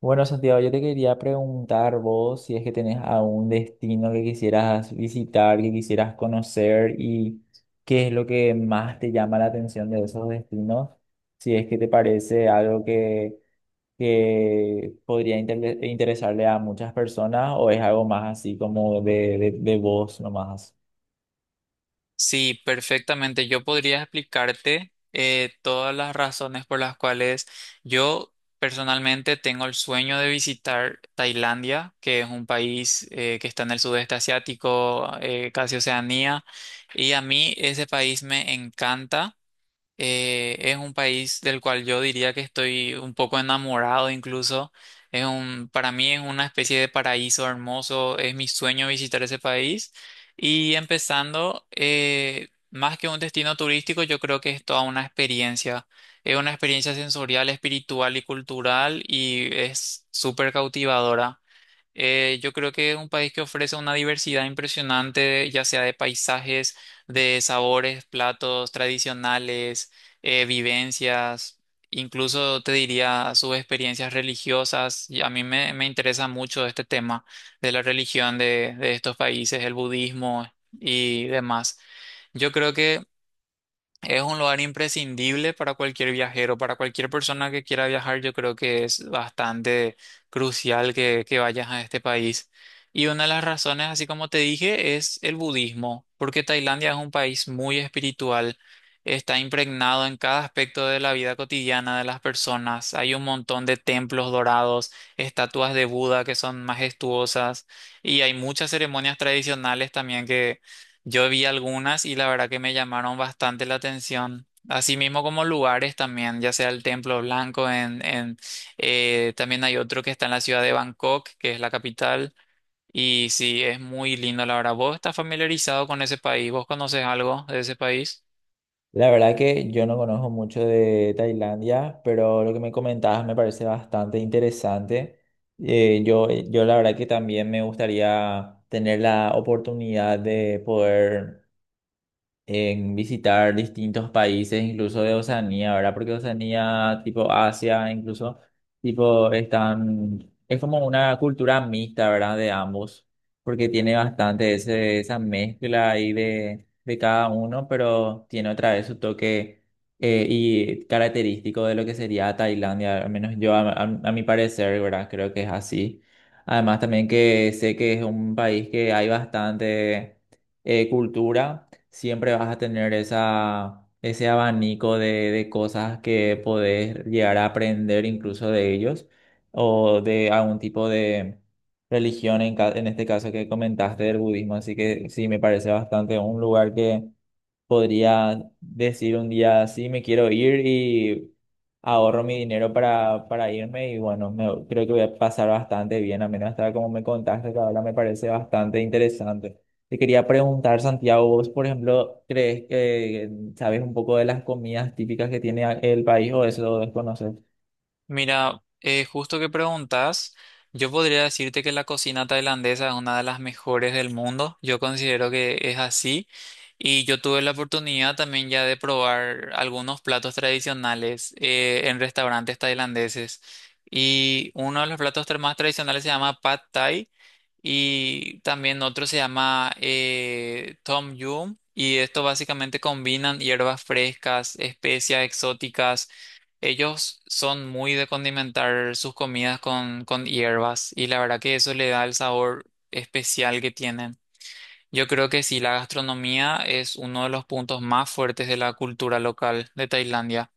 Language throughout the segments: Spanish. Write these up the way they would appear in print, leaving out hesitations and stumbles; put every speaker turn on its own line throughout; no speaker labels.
Bueno, Santiago, yo te quería preguntar vos si es que tenés algún destino que quisieras visitar, que quisieras conocer y qué es lo que más te llama la atención de esos destinos, si es que te parece algo que podría interesarle a muchas personas o es algo más así como de vos nomás.
Sí, perfectamente. Yo podría explicarte todas las razones por las cuales yo personalmente tengo el sueño de visitar Tailandia, que es un país que está en el sudeste asiático, casi Oceanía, y a mí ese país me encanta. Es un país del cual yo diría que estoy un poco enamorado incluso. Para mí es una especie de paraíso hermoso. Es mi sueño visitar ese país. Y empezando, más que un destino turístico, yo creo que es toda una experiencia. Es una experiencia sensorial, espiritual y cultural y es súper cautivadora. Yo creo que es un país que ofrece una diversidad impresionante, ya sea de paisajes, de sabores, platos tradicionales, vivencias, incluso te diría sus experiencias religiosas. Y a me interesa mucho este tema de la religión de estos países, el budismo y demás. Yo creo que es un lugar imprescindible para cualquier viajero, para cualquier persona que quiera viajar, yo creo que es bastante crucial que vayas a este país. Y una de las razones, así como te dije, es el budismo, porque Tailandia es un país muy espiritual, está impregnado en cada aspecto de la vida cotidiana de las personas, hay un montón de templos dorados, estatuas de Buda que son majestuosas y hay muchas ceremonias tradicionales también, yo vi algunas y la verdad que me llamaron bastante la atención. Así mismo como lugares también, ya sea el Templo Blanco, también hay otro que está en la ciudad de Bangkok, que es la capital. Y sí, es muy lindo, la verdad. ¿Vos estás familiarizado con ese país? ¿Vos conoces algo de ese país?
La verdad que yo no conozco mucho de Tailandia, pero lo que me comentabas me parece bastante interesante. Yo la verdad que también me gustaría tener la oportunidad de poder en visitar distintos países, incluso de Oceanía, ¿verdad? Porque Oceanía, tipo Asia, incluso, tipo, están, es como una cultura mixta, ¿verdad? De ambos, porque tiene bastante ese, esa mezcla ahí de cada uno, pero tiene otra vez su toque y característico de lo que sería Tailandia, al menos yo, a mi parecer, ¿verdad? Creo que es así. Además también que sé que es un país que hay bastante cultura, siempre vas a tener ese abanico de cosas que podés llegar a aprender incluso de ellos o de algún tipo de religión, en este caso que comentaste del budismo. Así que sí, me parece bastante un lugar que podría decir un día, sí, me quiero ir y ahorro mi dinero para irme y bueno, creo que voy a pasar bastante bien, a menos hasta como me contaste, que ahora me parece bastante interesante. Te quería preguntar, Santiago, vos, por ejemplo, ¿crees que sabes un poco de las comidas típicas que tiene el país o eso lo desconoces?
Mira, justo que preguntas, yo podría decirte que la cocina tailandesa es una de las mejores del mundo. Yo considero que es así. Y yo tuve la oportunidad también ya de probar algunos platos tradicionales en restaurantes tailandeses. Y uno de los más tradicionales se llama Pad Thai y también otro se llama Tom Yum. Y esto básicamente combinan hierbas frescas, especias exóticas, ellos son muy de condimentar sus comidas con hierbas y la verdad que eso le da el sabor especial que tienen. Yo creo que sí, la gastronomía es uno de los puntos más fuertes de la cultura local de Tailandia.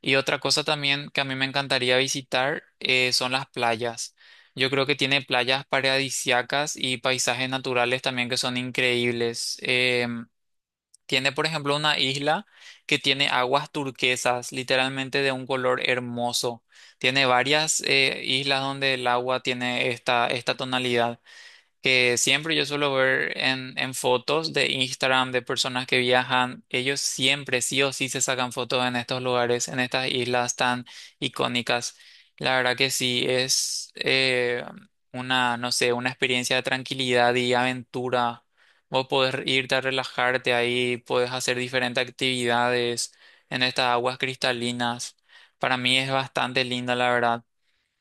Y otra cosa también que a mí me encantaría visitar, son las playas. Yo creo que tiene playas paradisíacas y paisajes naturales también que son increíbles. Tiene, por ejemplo, una isla que tiene aguas turquesas, literalmente de un color hermoso. Tiene varias islas donde el agua tiene esta tonalidad que siempre yo suelo ver en fotos de Instagram de personas que viajan, ellos siempre sí o sí se sacan fotos en estos lugares, en estas islas tan icónicas. La verdad que sí, es una, no sé, una experiencia de tranquilidad y aventura. Vos podés irte a relajarte ahí, podés hacer diferentes actividades en estas aguas cristalinas. Para mí es bastante linda, la verdad.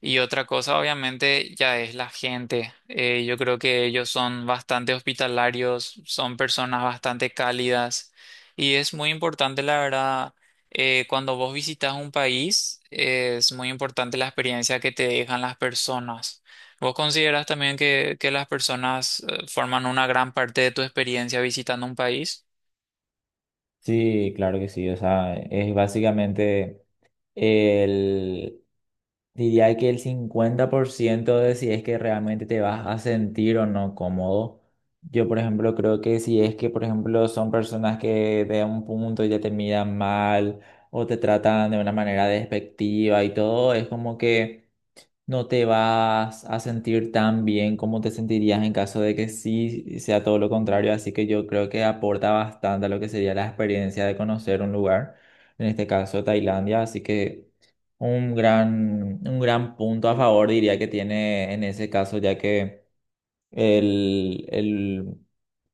Y otra cosa, obviamente, ya es la gente. Yo creo que ellos son bastante hospitalarios, son personas bastante cálidas y es muy importante, la verdad, cuando vos visitas un país, es muy importante la experiencia que te dejan las personas. ¿Vos consideras también que las personas forman una gran parte de tu experiencia visitando un país?
Sí, claro que sí. O sea, es básicamente el, diría que el 50% de si es que realmente te vas a sentir o no cómodo. Yo, por ejemplo, creo que si es que, por ejemplo, son personas que de un punto ya te miran mal o te tratan de una manera despectiva y todo, es como que no te vas a sentir tan bien como te sentirías en caso de que sí sea todo lo contrario, así que yo creo que aporta bastante a lo que sería la experiencia de conocer un lugar, en este caso Tailandia, así que un gran punto a favor diría que tiene en ese caso, ya que el, el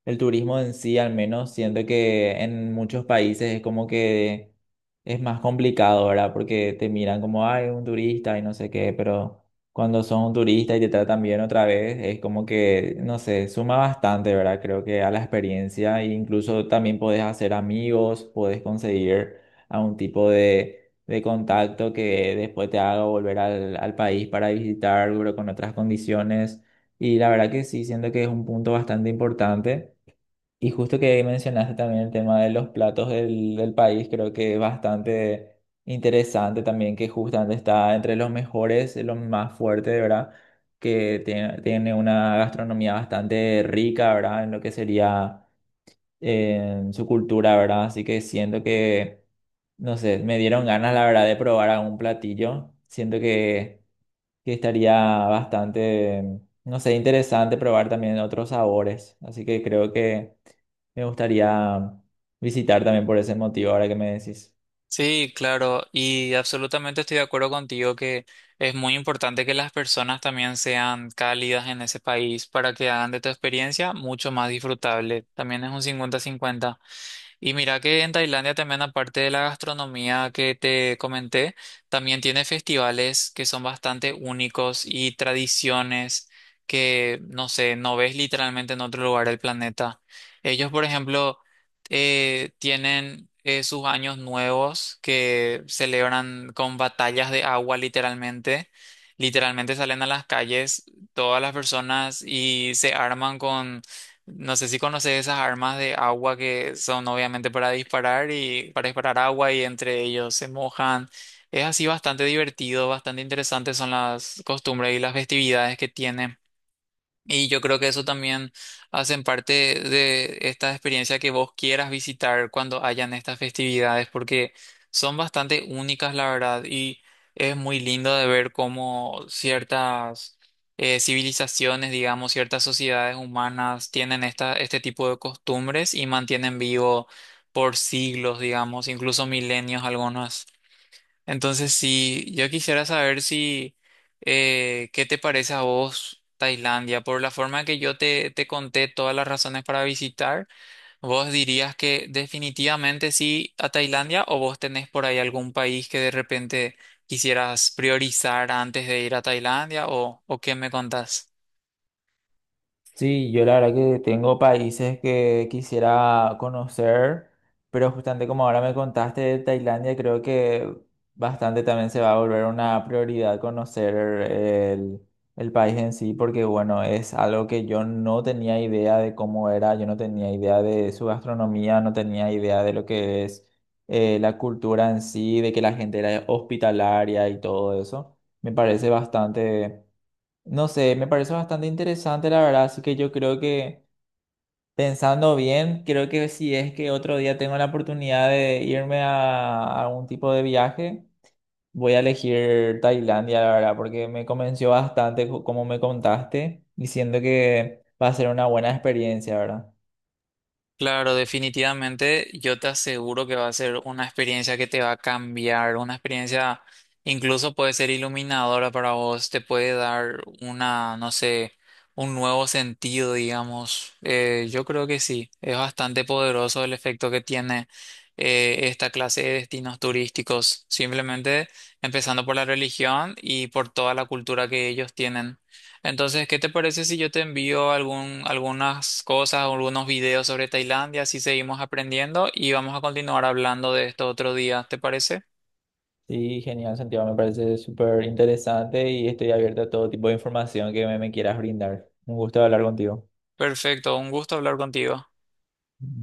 el turismo en sí, al menos, siento que en muchos países es como que es más complicado, ¿verdad? Porque te miran como, ay, un turista y no sé qué, pero cuando son un turista y te tratan bien otra vez, es como que, no sé, suma bastante, ¿verdad? Creo que a la experiencia, e incluso también podés hacer amigos, podés conseguir a un tipo de contacto que después te haga volver al país para visitar, pero con otras condiciones. Y la verdad que sí, siento que es un punto bastante importante. Y justo que mencionaste también el tema de los platos del país, creo que es bastante interesante también que justamente está entre los mejores, los más fuertes, ¿verdad? Tiene una gastronomía bastante rica, ¿verdad? En lo que sería su cultura, ¿verdad? Así que siento que, no sé, me dieron ganas, la verdad, de probar algún platillo. Siento que estaría bastante, no sé, interesante probar también otros sabores. Así que creo que me gustaría visitar también por ese motivo, ahora que me decís.
Sí, claro, y absolutamente estoy de acuerdo contigo que es muy importante que las personas también sean cálidas en ese país para que hagan de tu experiencia mucho más disfrutable. También es un cincuenta-cincuenta. Y mira que en Tailandia también, aparte de la gastronomía que te comenté, también tiene festivales que son bastante únicos y tradiciones que, no sé, no ves literalmente en otro lugar del planeta. Ellos, por ejemplo, tienen sus años nuevos que celebran con batallas de agua, literalmente. Literalmente salen a las calles todas las personas y se arman, no sé si conoces esas armas de agua que son obviamente para disparar y para disparar agua y entre ellos se mojan. Es así bastante divertido, bastante interesante son las costumbres y las festividades que tiene. Y yo creo que eso también hacen parte de esta experiencia que vos quieras visitar cuando hayan estas festividades, porque son bastante únicas, la verdad, y es muy lindo de ver cómo ciertas civilizaciones, digamos, ciertas sociedades humanas tienen este tipo de costumbres y mantienen vivo por siglos, digamos, incluso milenios algunas. Entonces, sí, yo quisiera saber si, ¿qué te parece a vos Tailandia? Por la forma que yo te conté todas las razones para visitar, ¿vos dirías que definitivamente sí a Tailandia o vos tenés por ahí algún país que de repente quisieras priorizar antes de ir a Tailandia o qué me contás?
Sí, yo la verdad que tengo países que quisiera conocer, pero justamente como ahora me contaste de Tailandia, creo que bastante también se va a volver una prioridad conocer el, el país en sí, porque bueno, es algo que yo no tenía idea de cómo era, yo no tenía idea de su gastronomía, no tenía idea de lo que es la cultura en sí, de que la gente era hospitalaria y todo eso. Me parece bastante, no sé, me parece bastante interesante, la verdad, así que yo creo que pensando bien, creo que si es que otro día tengo la oportunidad de irme a algún tipo de viaje, voy a elegir Tailandia, la verdad, porque me convenció bastante como me contaste, diciendo que va a ser una buena experiencia, ¿verdad?
Claro, definitivamente yo te aseguro que va a ser una experiencia que te va a cambiar, una experiencia incluso puede ser iluminadora para vos, te puede dar una, no sé, un nuevo sentido, digamos. Yo creo que sí, es bastante poderoso el efecto que tiene esta clase de destinos turísticos, simplemente empezando por la religión y por toda la cultura que ellos tienen. Entonces, ¿qué te parece si yo te envío algunas cosas, o algunos videos sobre Tailandia, así seguimos aprendiendo y vamos a continuar hablando de esto otro día? ¿Te parece?
Sí, genial, Santiago, me parece súper interesante y estoy abierto a todo tipo de información que me quieras brindar. Un gusto hablar contigo.
Perfecto, un gusto hablar contigo.